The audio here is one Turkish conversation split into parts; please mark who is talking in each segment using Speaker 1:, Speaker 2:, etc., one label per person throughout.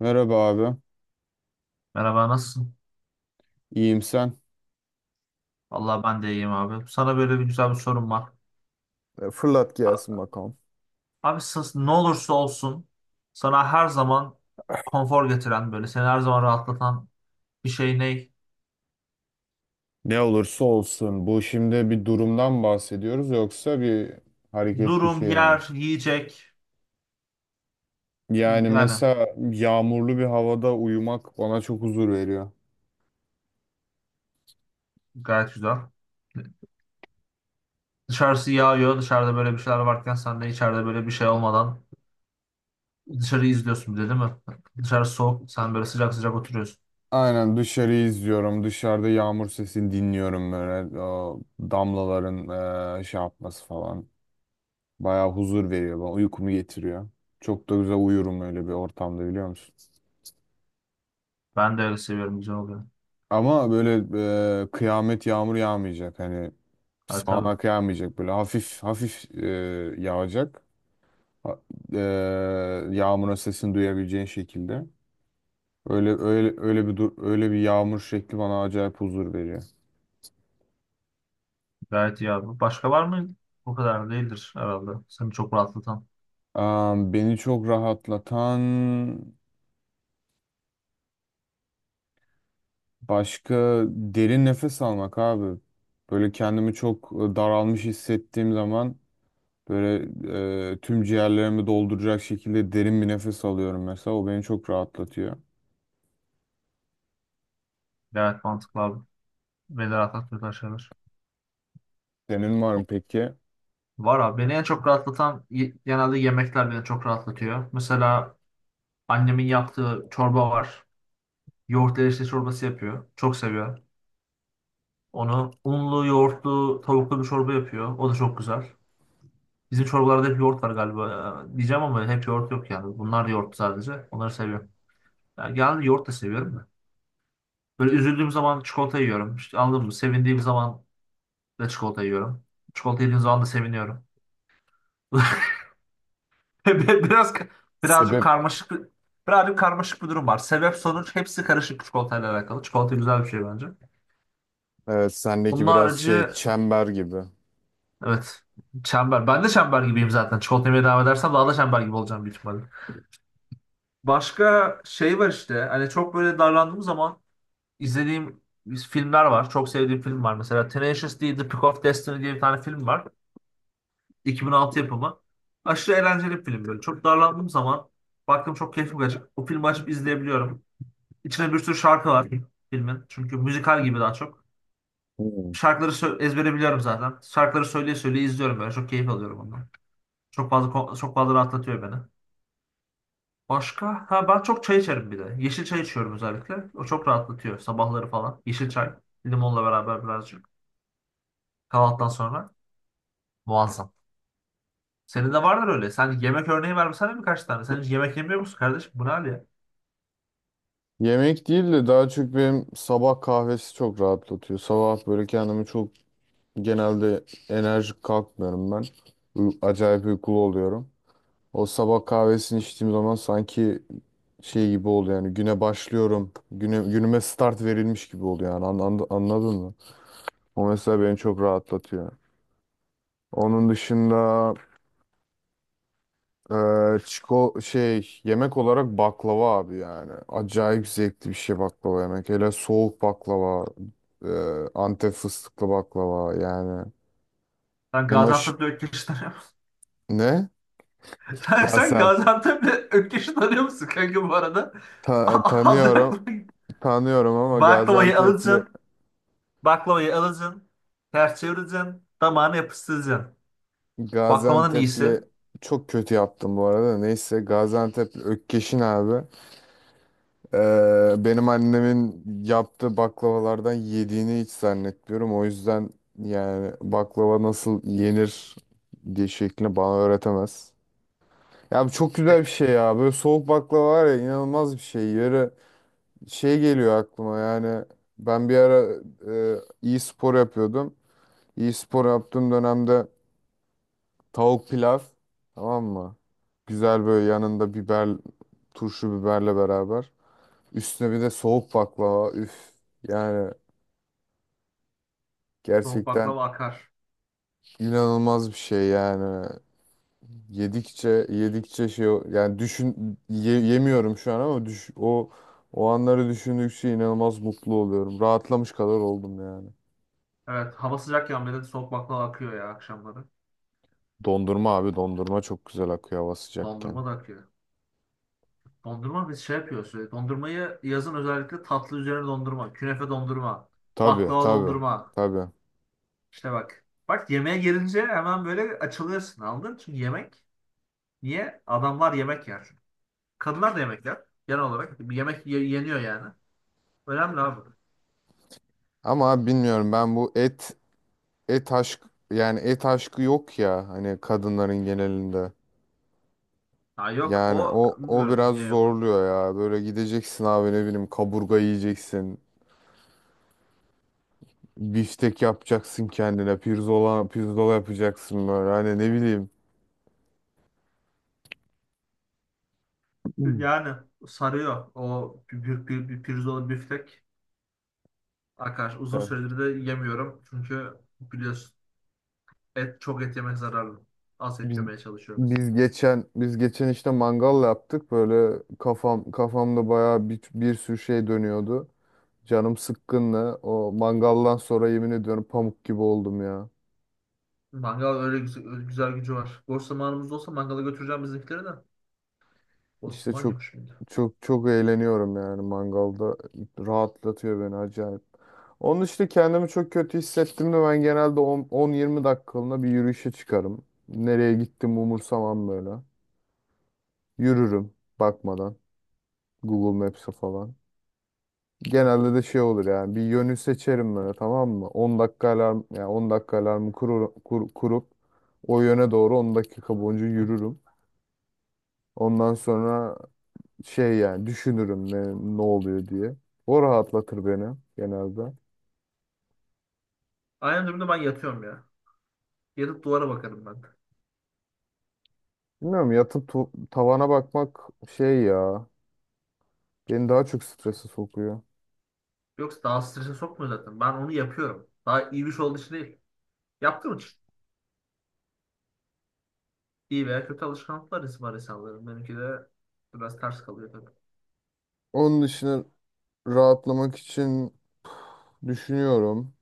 Speaker 1: Merhaba abi.
Speaker 2: Merhaba nasılsın?
Speaker 1: İyiyim sen.
Speaker 2: Vallahi ben de iyiyim abi. Sana böyle bir güzel bir sorum var.
Speaker 1: Fırlat
Speaker 2: A-
Speaker 1: gelsin bakalım.
Speaker 2: Abi ne olursa olsun sana her zaman konfor getiren böyle seni her zaman rahatlatan bir şey ne?
Speaker 1: Ne olursa olsun, bu şimdi bir durumdan bahsediyoruz yoksa bir hareket bir
Speaker 2: Durum,
Speaker 1: şey mi?
Speaker 2: yer, yiyecek
Speaker 1: Yani
Speaker 2: yani
Speaker 1: mesela yağmurlu bir havada uyumak bana çok huzur veriyor.
Speaker 2: gayet güzel. Dışarısı yağıyor, dışarıda böyle bir şeyler varken sen de içeride böyle bir şey olmadan dışarıyı izliyorsun bir de, değil mi? Dışarı soğuk, sen böyle sıcak sıcak oturuyorsun.
Speaker 1: Aynen, dışarıyı izliyorum. Dışarıda yağmur sesini dinliyorum böyle. O damlaların şey yapması falan. Bayağı huzur veriyor bana. Uykumu getiriyor. Çok da güzel uyurum öyle bir ortamda, biliyor musun?
Speaker 2: Ben de öyle seviyorum, güzel oluyor.
Speaker 1: Ama böyle kıyamet yağmur yağmayacak. Hani
Speaker 2: Ha, tabii.
Speaker 1: sağanak yağmayacak, böyle hafif hafif yağacak. Ha- E, yağmurun sesini duyabileceğin şekilde. Öyle öyle öyle bir dur, öyle bir yağmur şekli bana acayip huzur veriyor.
Speaker 2: Gayet iyi abi. Başka var mı? O kadar değildir herhalde. Seni çok rahatlatan.
Speaker 1: Beni çok rahatlatan başka, derin nefes almak abi. Böyle kendimi çok daralmış hissettiğim zaman böyle, tüm ciğerlerimi dolduracak şekilde derin bir nefes alıyorum mesela. O beni çok rahatlatıyor.
Speaker 2: Gayet mantıklı abi. Beni rahatlatıyor şeyler.
Speaker 1: Senin var mı peki?
Speaker 2: Var abi. Beni en çok rahatlatan genelde yemekler beni çok rahatlatıyor. Mesela annemin yaptığı çorba var. Yoğurt erişte çorbası yapıyor. Çok seviyor. Onu unlu, yoğurtlu, tavuklu bir çorba yapıyor. O da çok güzel. Bizim çorbalarda hep yoğurt var galiba. Diyeceğim ama hep yoğurt yok yani. Bunlar yoğurt sadece. Onları seviyorum. Yani genelde yoğurt da seviyorum. Böyle üzüldüğüm zaman çikolata yiyorum. İşte, anladın mı? Sevindiğim zaman da çikolata yiyorum. Çikolata yediğim zaman da seviniyorum. Biraz birazcık
Speaker 1: Sebep.
Speaker 2: karmaşık bir- birazcık karmaşık bir durum var. Sebep sonuç hepsi karışık, çikolatayla alakalı. Çikolata güzel bir şey bence.
Speaker 1: Evet, sendeki
Speaker 2: Bunun
Speaker 1: biraz
Speaker 2: harici,
Speaker 1: şey, çember gibi.
Speaker 2: evet, çember. Ben de çember gibiyim zaten. Çikolata yemeye devam edersem daha da çember gibi olacağım büyük ihtimalle. Başka şey var işte. Hani çok böyle darlandığım zaman izlediğim filmler var. Çok sevdiğim film var. Mesela Tenacious D, The Pick of Destiny diye bir tane film var. 2006 yapımı. Aşırı eğlenceli bir film böyle. Çok darlandığım zaman baktım, çok keyifli kaçıp o filmi açıp izleyebiliyorum. İçine bir sürü şarkı var filmin. Çünkü müzikal gibi daha çok.
Speaker 1: Hmm.
Speaker 2: Şarkıları ezbere biliyorum zaten. Şarkıları söyleye söyleye izliyorum böyle. Çok keyif alıyorum ondan. Çok fazla çok fazla rahatlatıyor beni. Başka? Ha, ben çok çay içerim bir de. Yeşil çay içiyorum özellikle. O çok rahatlatıyor sabahları falan. Yeşil çay. Limonla beraber birazcık. Kahvaltıdan sonra. Muazzam. Senin de vardır öyle. Sen yemek örneği vermesene birkaç tane. Sen hiç yemek yemiyor musun kardeşim? Bu ne hal ya?
Speaker 1: Yemek değil de daha çok benim sabah kahvesi çok rahatlatıyor. Sabah böyle kendimi çok, genelde enerjik kalkmıyorum ben. Acayip uykulu oluyorum. O sabah kahvesini içtiğim zaman sanki şey gibi oluyor, yani güne başlıyorum. Güne, günüme start verilmiş gibi oluyor yani. Anladın mı? O mesela beni çok rahatlatıyor. Onun dışında çiko şey, yemek olarak baklava abi yani. Acayip zevkli bir şey baklava yemek. Hele soğuk baklava, e, Antep fıstıklı baklava yani.
Speaker 2: Sen
Speaker 1: Emaş
Speaker 2: Gaziantep'le Ökkeş'i tanıyor musun?
Speaker 1: ne?
Speaker 2: Sen
Speaker 1: Gaziantep.
Speaker 2: Gaziantep'le Ökkeş'i tanıyor musun kanka bu arada? Az baklava,
Speaker 1: Tanıyorum. Tanıyorum ama
Speaker 2: baklavayı
Speaker 1: Gaziantep'li.
Speaker 2: alacaksın. Baklavayı alacaksın. Ters çevireceksin. Damağına yapıştıracaksın. Baklavanın iyisi.
Speaker 1: Gaziantep'li çok kötü yaptım bu arada. Neyse Gaziantep'li Ökkeş'in abi. Benim annemin yaptığı baklavalardan yediğini hiç zannetmiyorum. O yüzden yani baklava nasıl yenir diye şeklini bana öğretemez. Ya bu çok güzel bir şey ya. Böyle soğuk baklava var ya, inanılmaz bir şey. Yarı şey geliyor aklıma, yani ben bir ara e, iyi spor yapıyordum. İyi spor yaptığım dönemde tavuk pilav, tamam mı? Güzel böyle yanında biber, turşu biberle beraber. Üstüne bir de soğuk baklava. Üf. Yani
Speaker 2: Soğuk
Speaker 1: gerçekten
Speaker 2: baklava akar.
Speaker 1: inanılmaz bir şey yani. Yedikçe yedikçe şey yani düşün, yemiyorum şu an ama düş, o o anları düşündükçe inanılmaz mutlu oluyorum. Rahatlamış kadar oldum yani.
Speaker 2: Evet, hava sıcakken bile soğuk baklava akıyor ya akşamları.
Speaker 1: Dondurma abi, dondurma çok güzel akıyor hava sıcakken.
Speaker 2: Dondurma da akıyor. Dondurma biz şey yapıyoruz sürekli. Dondurmayı yazın özellikle tatlı üzerine dondurma. Künefe dondurma.
Speaker 1: Tabii,
Speaker 2: Baklava
Speaker 1: tabii,
Speaker 2: dondurma.
Speaker 1: tabii.
Speaker 2: İşte bak. Bak, yemeğe gelince hemen böyle açılıyorsun, anladın? Çünkü yemek. Niye? Adamlar yemek yer. Kadınlar da yemek yer. Genel olarak. Bir yemek yeniyor yani. Önemli abi.
Speaker 1: Ama abi bilmiyorum, ben bu et, et aşk, yani et aşkı yok ya hani, kadınların genelinde.
Speaker 2: Ha, yok o,
Speaker 1: Yani o o
Speaker 2: bilmiyorum
Speaker 1: biraz
Speaker 2: niye yok.
Speaker 1: zorluyor ya. Böyle gideceksin abi, ne bileyim, kaburga yiyeceksin. Biftek yapacaksın kendine. Pirzola, pirzola yapacaksın böyle. Hani ne bileyim. Hmm.
Speaker 2: Yani sarıyor. O bir pirzola büftek. Arkadaş uzun
Speaker 1: Ya
Speaker 2: süredir de yemiyorum. Çünkü biliyorsun et, çok et yemek zararlı. Az et
Speaker 1: Biz,
Speaker 2: yemeye çalışıyoruz.
Speaker 1: biz geçen işte mangal yaptık. Böyle kafamda bayağı bir sürü şey dönüyordu. Canım sıkkınla o mangaldan sonra yemin ediyorum pamuk gibi oldum ya.
Speaker 2: Mangal öyle güzel, güzel gücü var. Boş zamanımız olsa mangala götüreceğim bizimkileri de. Boş
Speaker 1: İşte
Speaker 2: zaman
Speaker 1: çok
Speaker 2: yok şimdi.
Speaker 1: çok çok eğleniyorum yani mangalda, rahatlatıyor beni acayip. Onun işte, kendimi çok kötü hissettiğimde ben genelde 10 10-20 dakikalığına bir yürüyüşe çıkarım. Nereye gittim umursamam böyle. Yürürüm, bakmadan Google Maps'e falan. Genelde de şey olur yani, bir yönü seçerim böyle, tamam mı? 10 dakika alarm, yani 10 dakika alarmı kurup o yöne doğru 10 dakika boyunca yürürüm. Ondan sonra şey yani, düşünürüm ne, ne oluyor diye. O rahatlatır beni genelde.
Speaker 2: Aynı durumda ben yatıyorum ya. Yatıp duvara bakarım ben de.
Speaker 1: Bilmiyorum, yatıp tavana bakmak şey ya, beni daha çok strese sokuyor.
Speaker 2: Yoksa daha strese sokmuyor zaten. Ben onu yapıyorum. Daha iyi bir şey olduğu için değil. Yaptığım için. İyi veya kötü alışkanlıklar var insanların. Benimki de biraz ters kalıyor tabii.
Speaker 1: Onun dışında, rahatlamak için düşünüyorum.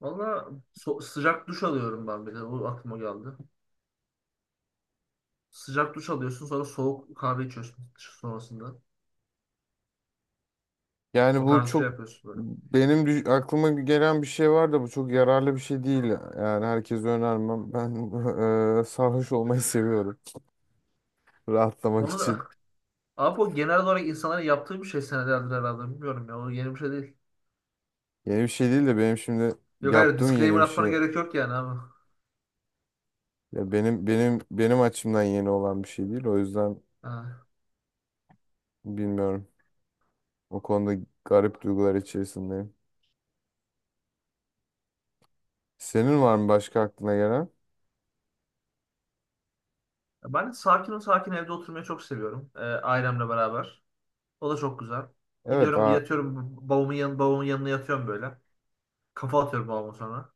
Speaker 2: Valla sıcak duş alıyorum ben bir de. O aklıma geldi. Sıcak duş alıyorsun, sonra soğuk kahve içiyorsun sonrasında.
Speaker 1: Yani
Speaker 2: O
Speaker 1: bu
Speaker 2: tarz bir şey
Speaker 1: çok
Speaker 2: yapıyorsun böyle.
Speaker 1: benim aklıma gelen bir şey var da, bu çok yararlı bir şey değil. Yani herkese önermem. Ben sarhoş olmayı seviyorum rahatlamak
Speaker 2: Onu da
Speaker 1: için.
Speaker 2: abi o genel olarak insanların yaptığı bir şey senelerdir herhalde. Bilmiyorum ya. O yeni bir şey değil.
Speaker 1: Yeni bir şey değil de benim şimdi
Speaker 2: Yok, hayır,
Speaker 1: yaptığım yeni
Speaker 2: disclaimer
Speaker 1: bir
Speaker 2: atmana
Speaker 1: şey.
Speaker 2: gerek yok yani abi.
Speaker 1: Ya benim açımdan yeni olan bir şey değil. O yüzden
Speaker 2: Ha.
Speaker 1: bilmiyorum. O konuda garip duygular içerisindeyim. Senin var mı başka aklına gelen?
Speaker 2: Ben sakin sakin evde oturmayı çok seviyorum. Ailemle beraber. O da çok güzel.
Speaker 1: Evet,
Speaker 2: Gidiyorum
Speaker 1: a.
Speaker 2: yatıyorum babamın yanına yatıyorum böyle. Kafa atıyorum babama sonra.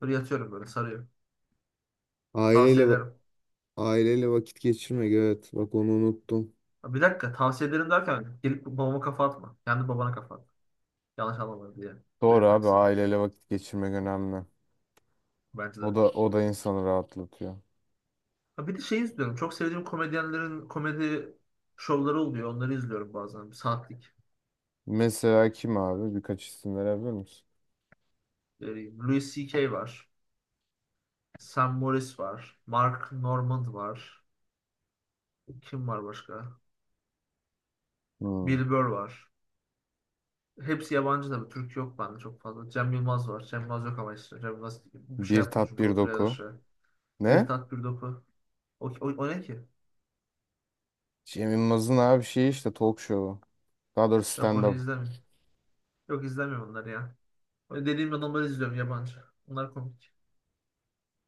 Speaker 2: Böyle yatıyorum, böyle sarıyor.
Speaker 1: Aileyle
Speaker 2: Tavsiye
Speaker 1: va-
Speaker 2: ederim.
Speaker 1: Aileyle vakit geçirmek, evet. Bak onu unuttum.
Speaker 2: Ha, bir dakika, tavsiye ederim derken gelip babama kafa atma. Kendi babana kafa at. Yanlış anlamadım diye
Speaker 1: Doğru
Speaker 2: belirtmek
Speaker 1: abi,
Speaker 2: istedim.
Speaker 1: aileyle vakit geçirmek önemli.
Speaker 2: Bence
Speaker 1: O da
Speaker 2: de.
Speaker 1: o da insanı rahatlatıyor.
Speaker 2: Ha, bir de şey izliyorum. Çok sevdiğim komedyenlerin komedi şovları oluyor. Onları izliyorum bazen. Bir saatlik.
Speaker 1: Mesela kim abi? Birkaç isim verebilir misin?
Speaker 2: Ee, Louis C.K. var. Sam Morris var. Mark Normand var. Kim var başka?
Speaker 1: Hmm.
Speaker 2: Bill Burr var. Hepsi yabancı tabii. Türk yok bende çok fazla. Cem Yılmaz var. Cem Yılmaz yok ama işte. Cem Yılmaz bir şey
Speaker 1: Bir
Speaker 2: yapmıyor
Speaker 1: tat,
Speaker 2: çünkü
Speaker 1: bir
Speaker 2: oturuyor
Speaker 1: doku.
Speaker 2: yaşıyor. Bir
Speaker 1: Ne?
Speaker 2: tat bir dopu. O ne ki?
Speaker 1: Cem Yılmaz'ın abi şeyi, işte talk show'u. Daha doğrusu
Speaker 2: Yok, onu
Speaker 1: stand-up.
Speaker 2: izlemiyorum. Yok, izlemiyorum onları ya. Öyle dediğim adamları izliyorum, yabancı. Onlar komik.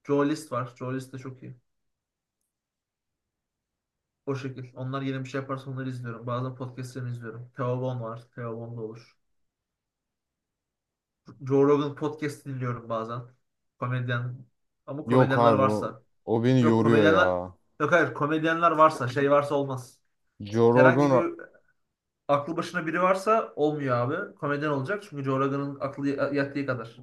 Speaker 2: Joe List var. Joe List de çok iyi. O şekil. Onlar yeni bir şey yaparsa onları izliyorum. Bazen podcastlerini izliyorum. Theo Von var. Theo Von da olur. Joe Rogan podcast dinliyorum bazen. Komedyen. Ama
Speaker 1: Yok
Speaker 2: komedyenler
Speaker 1: abi, o,
Speaker 2: varsa.
Speaker 1: o beni
Speaker 2: Yok,
Speaker 1: yoruyor ya.
Speaker 2: komedyenler, yok hayır, komedyenler varsa şey varsa olmaz.
Speaker 1: Joe Rogan,
Speaker 2: Herhangi bir aklı başına biri varsa olmuyor abi. Komedyen olacak çünkü Joe Rogan'ın aklı yattığı kadar.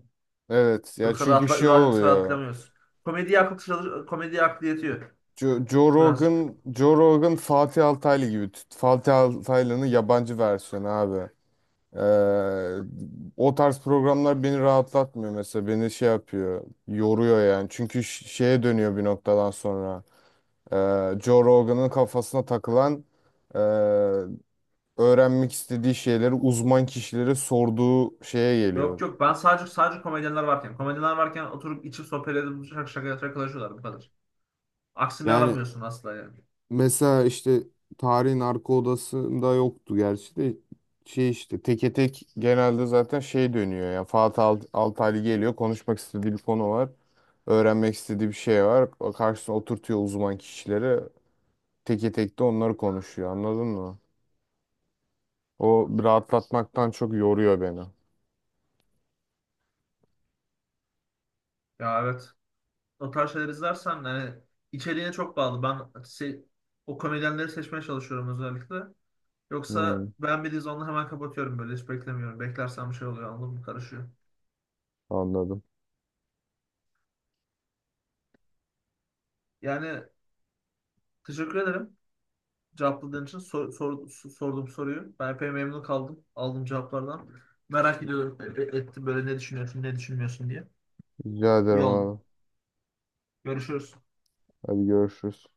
Speaker 1: evet ya,
Speaker 2: Yoksa
Speaker 1: çünkü
Speaker 2: rahatla
Speaker 1: şey
Speaker 2: birazcık
Speaker 1: oluyor.
Speaker 2: rahatlamıyoruz. Komediye akıl komediye aklı yetiyor
Speaker 1: Joe,
Speaker 2: birazcık.
Speaker 1: Rogan, Joe Rogan Fatih Altaylı gibi. Fatih Altaylı'nın yabancı versiyonu abi. Ee, o tarz programlar beni rahatlatmıyor mesela. Beni şey yapıyor. Yoruyor yani. Çünkü şeye dönüyor bir noktadan sonra. Joe Rogan'ın kafasına takılan, ee, öğrenmek istediği şeyleri uzman kişilere sorduğu şeye geliyor.
Speaker 2: Yok yok, ben sadece komedyenler varken oturup içip sohbet edip şakalaşıyorlar, bu kadar. Aksini
Speaker 1: Yani
Speaker 2: aramıyorsun asla yani.
Speaker 1: mesela, işte tarihin arka odasında yoktu gerçi de, şey işte teke tek genelde zaten, şey dönüyor ya, Fatih Altaylı geliyor, konuşmak istediği bir konu var, öğrenmek istediği bir şey var, karşısına oturtuyor uzman kişileri, teke tek de onları konuşuyor, anladın mı? O rahatlatmaktan çok yoruyor beni.
Speaker 2: Ya, evet. O tarz şeyler izlersen yani içeriğine çok bağlı. Ben o komedyenleri seçmeye çalışıyorum özellikle. Yoksa
Speaker 1: Hmm,
Speaker 2: beğenmediğiniz onu hemen kapatıyorum böyle, hiç beklemiyorum. Beklersem şey oluyor, anladın mı? Karışıyor.
Speaker 1: anladım.
Speaker 2: Yani teşekkür ederim cevapladığın için. Sorduğum soruyu. Ben epey memnun kaldım aldığım cevaplardan. Merak ediyorum, ettim böyle, ne düşünüyorsun ne düşünmüyorsun diye.
Speaker 1: Rica
Speaker 2: İyi
Speaker 1: ederim
Speaker 2: oldu.
Speaker 1: abi.
Speaker 2: Görüşürüz.
Speaker 1: Hadi görüşürüz.